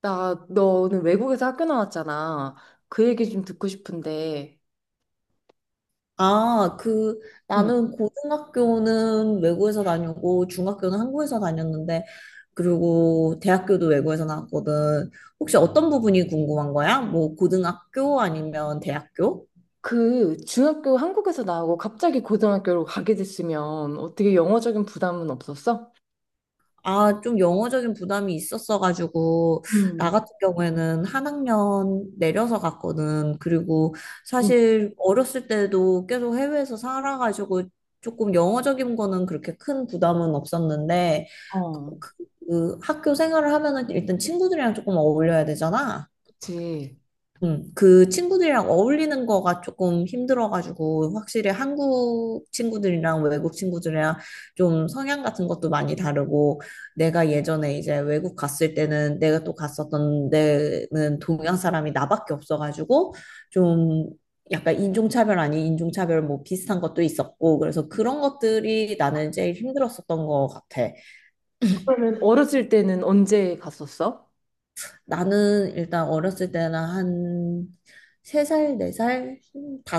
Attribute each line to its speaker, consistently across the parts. Speaker 1: 나, 너는 외국에서 학교 나왔잖아. 그 얘기 좀 듣고 싶은데,
Speaker 2: 아, 그,
Speaker 1: 음.
Speaker 2: 나는 고등학교는 외국에서 다니고, 중학교는 한국에서 다녔는데, 그리고 대학교도 외국에서 나왔거든. 혹시 어떤 부분이 궁금한 거야? 뭐, 고등학교 아니면 대학교?
Speaker 1: 그 중학교 한국에서 나오고 갑자기 고등학교로 가게 됐으면 어떻게 영어적인 부담은 없었어?
Speaker 2: 아, 좀 영어적인 부담이 있었어가지고, 나
Speaker 1: 음,
Speaker 2: 같은 경우에는 한 학년 내려서 갔거든. 그리고
Speaker 1: 음,
Speaker 2: 사실 어렸을 때도 계속 해외에서 살아가지고, 조금 영어적인 거는 그렇게 큰 부담은 없었는데,
Speaker 1: 어.
Speaker 2: 그 학교 생활을 하면은 일단 친구들이랑 조금 어울려야 되잖아.
Speaker 1: 그치.
Speaker 2: 그 친구들이랑 어울리는 거가 조금 힘들어가지고, 확실히 한국 친구들이랑 외국 친구들이랑 좀 성향 같은 것도 많이 다르고, 내가 예전에 이제 외국 갔을 때는 내가 또 갔었던 데는 동양 사람이 나밖에 없어가지고, 좀 약간 인종차별 아닌 인종차별 뭐 비슷한 것도 있었고, 그래서 그런 것들이 나는 제일 힘들었었던 것 같아.
Speaker 1: 그러면 어렸을 때는 언제 갔었어?
Speaker 2: 나는 일단 어렸을 때는 한 세살네살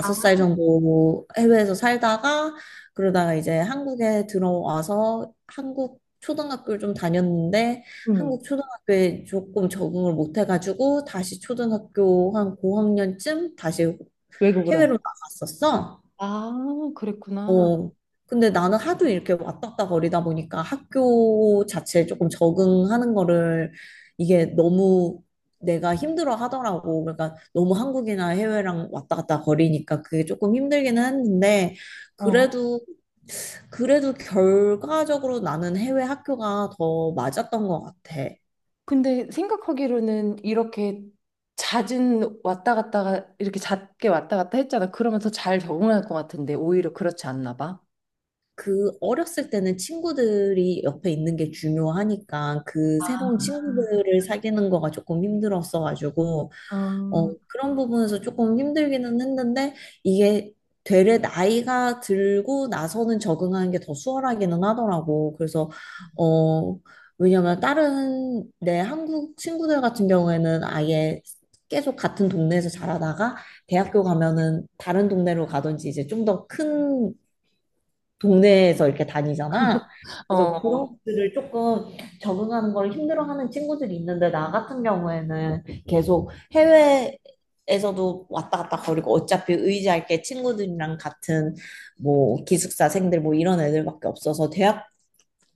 Speaker 1: 아,
Speaker 2: 살 정도 해외에서 살다가 그러다가 이제 한국에 들어와서 한국 초등학교를 좀 다녔는데
Speaker 1: 음,
Speaker 2: 한국 초등학교에 조금 적응을 못 해가지고 다시 초등학교 한 고학년쯤 다시
Speaker 1: 외국으로.
Speaker 2: 해외로 나갔었어.
Speaker 1: 아, 그랬구나.
Speaker 2: 어, 근데 나는 하도 이렇게 왔다 갔다 거리다 보니까 학교 자체에 조금 적응하는 거를 이게 너무 내가 힘들어 하더라고. 그러니까 너무 한국이나 해외랑 왔다 갔다 거리니까 그게 조금 힘들기는 했는데
Speaker 1: 어.
Speaker 2: 그래도 결과적으로 나는 해외 학교가 더 맞았던 것 같아.
Speaker 1: 근데 생각하기로는 이렇게 잦은 왔다 갔다가 이렇게 잦게 왔다 갔다 했잖아. 그러면 더 잘 적응할 것 같은데 오히려 그렇지 않나 봐.
Speaker 2: 그 어렸을 때는 친구들이 옆에 있는 게 중요하니까 그
Speaker 1: 아,
Speaker 2: 새로운 친구들을 사귀는 거가 조금 힘들었어가지고 어,
Speaker 1: 어,
Speaker 2: 그런 부분에서 조금 힘들기는 했는데, 이게 되레 나이가 들고 나서는 적응하는 게 더 수월하기는 하더라고. 그래서, 어, 왜냐면 다른 내 한국 친구들 같은 경우에는 아예 계속 같은 동네에서 자라다가 대학교
Speaker 1: 그치.
Speaker 2: 가면은 다른 동네로 가든지 이제 좀더큰 동네에서 이렇게 다니잖아.
Speaker 1: 어,
Speaker 2: 그래서 그런
Speaker 1: 어.
Speaker 2: 것들을 조금 적응하는 걸 힘들어하는 친구들이 있는데 나 같은 경우에는 계속 해외에서도 왔다 갔다 거리고 어차피 의지할 게 친구들이랑 같은 뭐 기숙사생들 뭐 이런 애들밖에 없어서 대학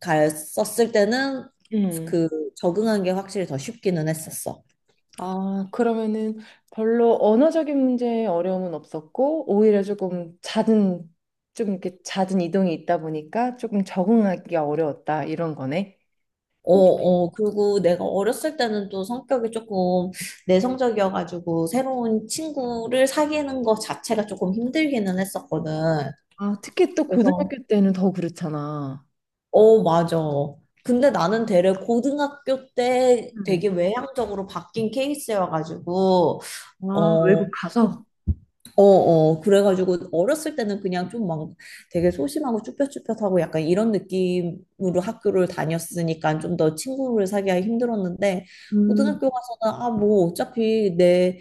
Speaker 2: 갔었을 때는
Speaker 1: 음.
Speaker 2: 그 적응한 게 확실히 더 쉽기는 했었어.
Speaker 1: 아, 그러면은 별로 언어적인 문제에 어려움은 없었고 오히려 조금 잦은 좀 이렇게 잦은 이동이 있다 보니까 조금 적응하기가 어려웠다 이런 거네.
Speaker 2: 어,
Speaker 1: 혹
Speaker 2: 어, 그리고 내가 어렸을 때는 또 성격이 조금 내성적이어가지고 새로운 친구를 사귀는 것 자체가 조금 힘들기는 했었거든.
Speaker 1: 아, 특히 또
Speaker 2: 그래서,
Speaker 1: 고등학교 때는 더 그렇잖아.
Speaker 2: 어, 맞아. 근데 나는 되레 고등학교 때 되게
Speaker 1: 음.
Speaker 2: 외향적으로 바뀐 케이스여가지고,
Speaker 1: 아,
Speaker 2: 어,
Speaker 1: 외국 가서?
Speaker 2: 어, 그래가지고 어렸을 때는 그냥 좀 막 되게 소심하고 쭈뼛쭈뼛하고 약간 이런 느낌으로 학교를 다녔으니까 좀 더 친구를 사귀기 힘들었는데
Speaker 1: 음.
Speaker 2: 고등학교 가서는 아, 뭐 어차피 내,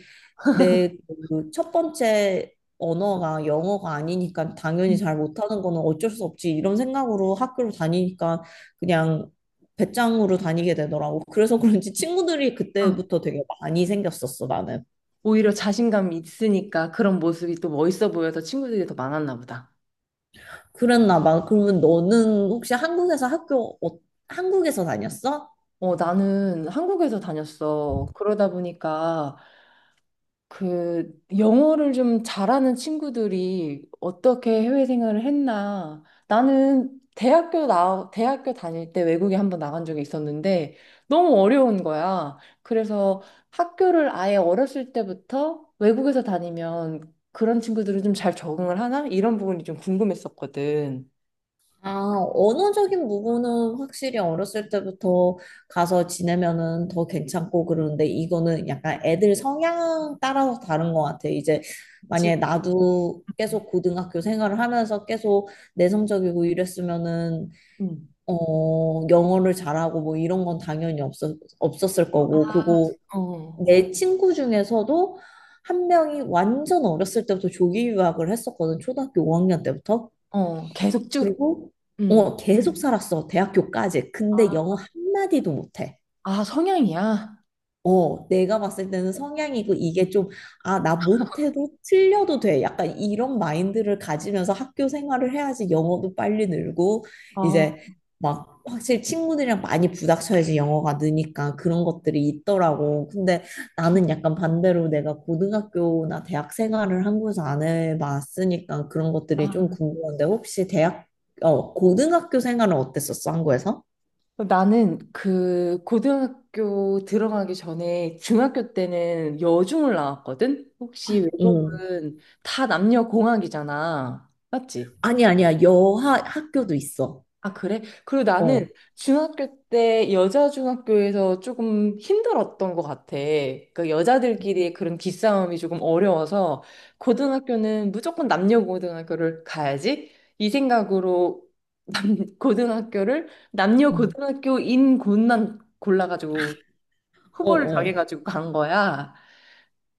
Speaker 2: 내 그 첫 번째 언어가 영어가 아니니까 당연히 잘 못하는 거는 어쩔 수 없지 이런 생각으로 학교를 다니니까 그냥 배짱으로 다니게 되더라고. 그래서 그런지 친구들이
Speaker 1: 어.
Speaker 2: 그때부터 되게 많이 생겼었어, 나는.
Speaker 1: 오히려 자신감이 있으니까 그런 모습이 또 멋있어 보여서 친구들이 더 많았나 보다.
Speaker 2: 그랬나 봐. 그러면 너는 혹시 한국에서 학교, 한국에서 다녔어?
Speaker 1: 어, 나는 한국에서 다녔어. 그러다 보니까 그 영어를 좀 잘하는 친구들이 어떻게 해외 생활을 했나. 나는 대학교 대학교 다닐 때 외국에 한번 나간 적이 있었는데 너무 어려운 거야. 그래서 학교를 아예 어렸을 때부터 외국에서 다니면 그런 친구들은 좀 잘 적응을 하나? 이런 부분이 좀 궁금했었거든.
Speaker 2: 아, 언어적인 부분은 확실히 어렸을 때부터 가서 지내면은 더 괜찮고 그러는데 이거는 약간 애들 성향 따라서 다른 것 같아. 이제
Speaker 1: 지,
Speaker 2: 만약에 나도 계속 고등학교 생활을 하면서 계속 내성적이고 이랬으면은
Speaker 1: 음.
Speaker 2: 어, 영어를 잘하고 뭐 이런 건 당연히 없었을 거고, 그리고
Speaker 1: 어,
Speaker 2: 내 친구 중에서도 한 명이 완전 어렸을 때부터 조기 유학을 했었거든. 초등학교 5학년 때부터.
Speaker 1: 어, 계속 쭉,
Speaker 2: 그리고
Speaker 1: 음.
Speaker 2: 어, 계속 살았어. 대학교까지.
Speaker 1: 아,
Speaker 2: 근데 영어 한마디도 못해.
Speaker 1: 아, 성향이야?
Speaker 2: 어, 내가 봤을 때는 성향이고 이게 좀, 아, 나 못해도 틀려도 돼. 약간 이런 마인드를 가지면서 학교 생활을 해야지 영어도 빨리 늘고,
Speaker 1: 아,
Speaker 2: 이제 막 확실히 친구들이랑 많이 부닥쳐야지 영어가 느니까 그런 것들이 있더라고. 근데 나는 약간 반대로 내가 고등학교나 대학 생활을 한국에서 안 해봤으니까 그런 것들이 좀
Speaker 1: 아,
Speaker 2: 궁금한데, 어, 고등학교 생활은 어땠었어, 한국에서?
Speaker 1: 아, 나는 그 고등학교 들어가기 전에 중학교 때는 여중을 나왔거든? 혹시
Speaker 2: 응.
Speaker 1: 외국은 다 남녀 공학이잖아. 맞지?
Speaker 2: 아니, 아니야. 여하 학교도 있어.
Speaker 1: 아, 그래? 그리고 나는
Speaker 2: 어.
Speaker 1: 중학교 때 여자 중학교에서 조금 힘들었던 것 같아. 그러니까 여자들끼리의 그런 기싸움이 조금 어려워서 고등학교는 무조건 남녀 고등학교를 가야지 이 생각으로 고등학교를 남녀
Speaker 2: 응.
Speaker 1: 고등학교인 곳만 골라가지고
Speaker 2: 어,
Speaker 1: 후보를
Speaker 2: 어.
Speaker 1: 정해가지고 간 거야.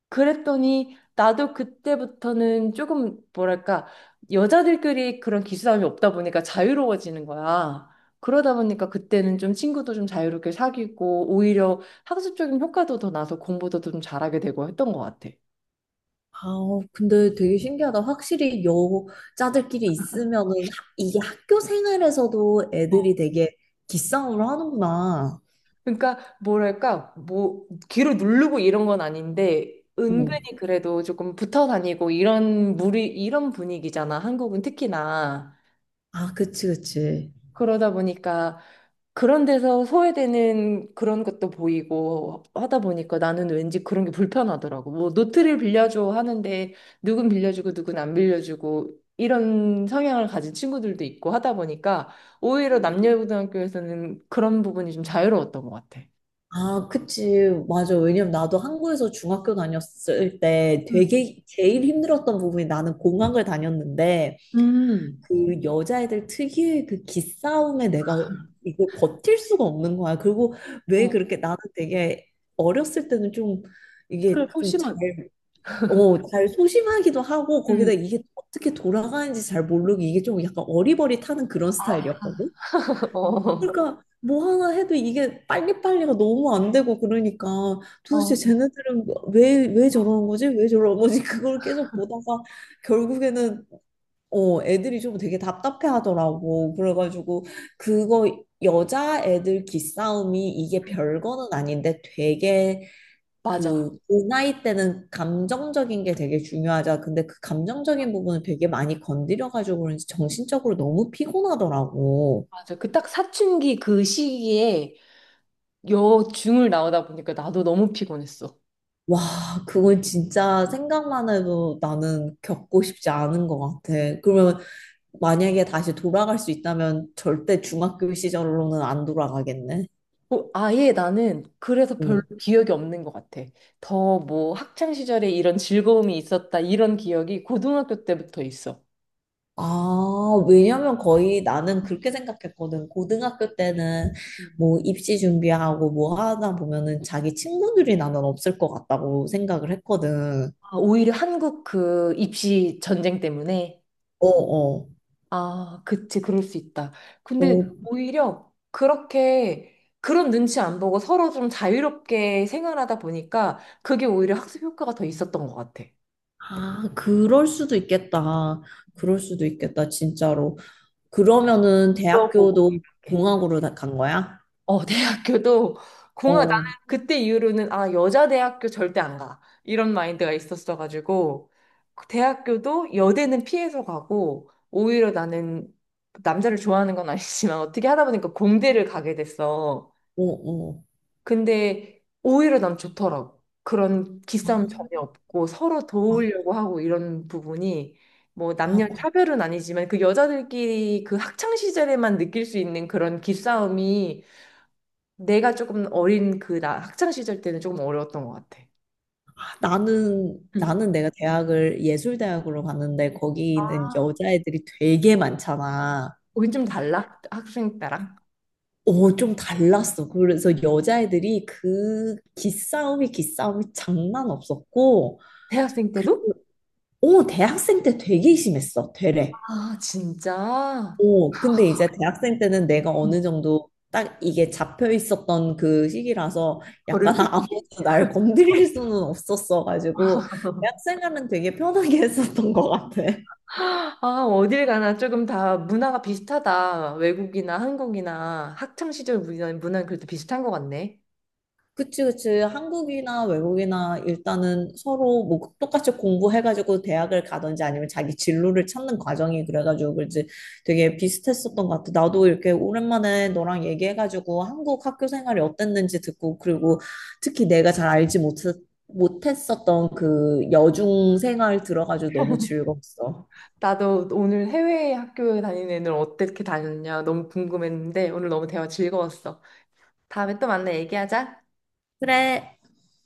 Speaker 1: 그랬더니 나도 그때부터는 조금 뭐랄까 여자들끼리 그런 기싸움이 없다 보니까 자유로워지는 거야. 그러다 보니까 그때는 좀 친구도 좀 자유롭게 사귀고 오히려 학습적인 효과도 더 나서 공부도 좀 잘하게 되고 했던 것 같아.
Speaker 2: 아우, 근데 되게 신기하다. 확실히 여자들끼리 있으면은 이게 학교 생활에서도
Speaker 1: 어,
Speaker 2: 애들이 되게 기싸움을 하는구나.
Speaker 1: 그러니까 뭐랄까 뭐 귀로 누르고 이런 건 아닌데
Speaker 2: 응.
Speaker 1: 은근히 그래도 조금 붙어 다니고 이런 무리 이런 분위기잖아. 한국은 특히나.
Speaker 2: 아, 그치, 그치.
Speaker 1: 그러다 보니까 그런 데서 소외되는 그런 것도 보이고 하다 보니까 나는 왠지 그런 게 불편하더라고. 뭐 노트를 빌려줘 하는데 누군 빌려주고 누군 안 빌려주고 이런 성향을 가진 친구들도 있고 하다 보니까 오히려 남녀고등학교에서는 그런 부분이 좀 자유로웠던 것 같아.
Speaker 2: 아, 그치. 맞아. 왜냐면 나도 한국에서 중학교 다녔을 때
Speaker 1: 음.
Speaker 2: 되게 제일 힘들었던 부분이 나는 공항을 다녔는데
Speaker 1: 음.
Speaker 2: 그 여자애들 특유의 그 기싸움에 내가 이걸 버틸 수가 없는 거야. 그리고 왜
Speaker 1: 어,
Speaker 2: 그렇게 나는 되게 어렸을 때는 좀
Speaker 1: 그래,
Speaker 2: 이게 좀
Speaker 1: 소심한.
Speaker 2: 잘, 어, 잘 소심하기도 하고
Speaker 1: 음.
Speaker 2: 거기다 이게 어떻게 돌아가는지 잘 모르고 이게 좀 약간 어리버리타는 그런
Speaker 1: 아.
Speaker 2: 스타일이었거든.
Speaker 1: 어.
Speaker 2: 그러니까 뭐 하나 해도 이게 빨리빨리가 너무 안 되고 그러니까 도대체
Speaker 1: 어.
Speaker 2: 쟤네들은 왜 저러는 거지? 왜 저러는 거지? 그걸 계속 보다가 결국에는 어, 애들이 좀 되게 답답해 하더라고. 그래가지고, 그거, 여자 애들 기싸움이 이게 별거는 아닌데 되게
Speaker 1: 맞아.
Speaker 2: 그 나이 때는 감정적인 게 되게 중요하자. 근데 그 감정적인 부분을 되게 많이 건드려가지고 그런지 정신적으로 너무 피곤하더라고.
Speaker 1: 맞아. 그 딱 사춘기 그 시기에 여중을 나오다 보니까 나도 너무 피곤했어.
Speaker 2: 와, 그건 진짜 생각만 해도 나는 겪고 싶지 않은 것 같아. 그러면 만약에 다시 돌아갈 수 있다면 절대 중학교 시절로는 안 돌아가겠네.
Speaker 1: 어, 아예 나는 그래서 별로
Speaker 2: 응.
Speaker 1: 기억이 없는 것 같아. 더 뭐 학창 시절에 이런 즐거움이 있었다 이런 기억이 고등학교 때부터 있어.
Speaker 2: 아, 왜냐면 거의 나는 그렇게 생각했거든. 고등학교 때는
Speaker 1: 음.
Speaker 2: 뭐 입시 준비하고 뭐 하다 보면은 자기 친구들이 나는 없을 것 같다고 생각을 했거든.
Speaker 1: 아, 오히려 한국 그 입시 전쟁 때문에
Speaker 2: 어, 어.
Speaker 1: 아, 그치 그럴 수 있다. 근데
Speaker 2: 어,
Speaker 1: 오히려 그렇게 그런 눈치 안 보고 서로 좀 자유롭게 생활하다 보니까 그게 오히려 학습 효과가 더 있었던 것 같아.
Speaker 2: 아, 그럴 수도 있겠다. 그럴 수도 있겠다, 진짜로. 그러면은
Speaker 1: 물어보고
Speaker 2: 대학교도
Speaker 1: 이렇게.
Speaker 2: 공학으로 다 간 거야?
Speaker 1: 어, 대학교도
Speaker 2: 어,
Speaker 1: 공학, 나는
Speaker 2: 어,
Speaker 1: 그때 이후로는 아, 여자 대학교 절대 안 가. 이런 마인드가 있었어가지고, 그 대학교도 여대는 피해서 가고, 오히려 나는 남자를 좋아하는 건 아니지만 어떻게 하다 보니까 공대를 가게 됐어.
Speaker 2: 어.
Speaker 1: 근데 오히려 난 좋더라고. 그런
Speaker 2: 아,
Speaker 1: 기싸움 전혀 없고 서로
Speaker 2: 아,
Speaker 1: 도우려고 하고 이런 부분이 뭐
Speaker 2: 아,
Speaker 1: 남녀 차별은 아니지만 그 여자들끼리 그 학창 시절에만 느낄 수 있는 그런 기싸움이 내가 조금 어린 그 나 학창 시절 때는 조금 어려웠던 것 같아.
Speaker 2: 나는
Speaker 1: 음.
Speaker 2: 나는 내가 대학을 예술대학으로 갔는데 거기는 여자애들이 되게 많잖아.
Speaker 1: 우린 좀 달라? 학생 때랑
Speaker 2: 어, 좀 달랐어. 그래서 여자애들이 그 기싸움이 장난 없었고,
Speaker 1: 대학생
Speaker 2: 그,
Speaker 1: 때도?
Speaker 2: 어, 대학생 때 되게 심했어. 되레.
Speaker 1: 아 진짜?
Speaker 2: 어, 근데 이제 대학생 때는 내가
Speaker 1: 음.
Speaker 2: 어느 정도 딱 이게 잡혀 있었던 그 시기라서
Speaker 1: 거를
Speaker 2: 약간
Speaker 1: 수 있지.
Speaker 2: 아무도 날 건드릴 수는 없었어가지고 대학생활은 되게 편하게 했었던 것 같아.
Speaker 1: 아 어딜 가나 조금 다 문화가 비슷하다. 외국이나 한국이나 학창 시절 문화는 그래도 비슷한 것 같네.
Speaker 2: 그치, 그치. 한국이나 외국이나 일단은 서로 뭐 똑같이 공부해가지고 대학을 가든지 아니면 자기 진로를 찾는 과정이 그래가지고 그지 되게 비슷했었던 것 같아. 나도 이렇게 오랜만에 너랑 얘기해가지고 한국 학교 생활이 어땠는지 듣고 그리고 특히 내가 잘 알지 못, 못했었던 그 여중 생활 들어가지고 너무 즐거웠어.
Speaker 1: 나도 오늘 해외 학교 다니는 애들 어떻게 다녔냐 너무 궁금했는데 오늘 너무 대화 즐거웠어. 다음에 또 만나 얘기하자.
Speaker 2: 그래.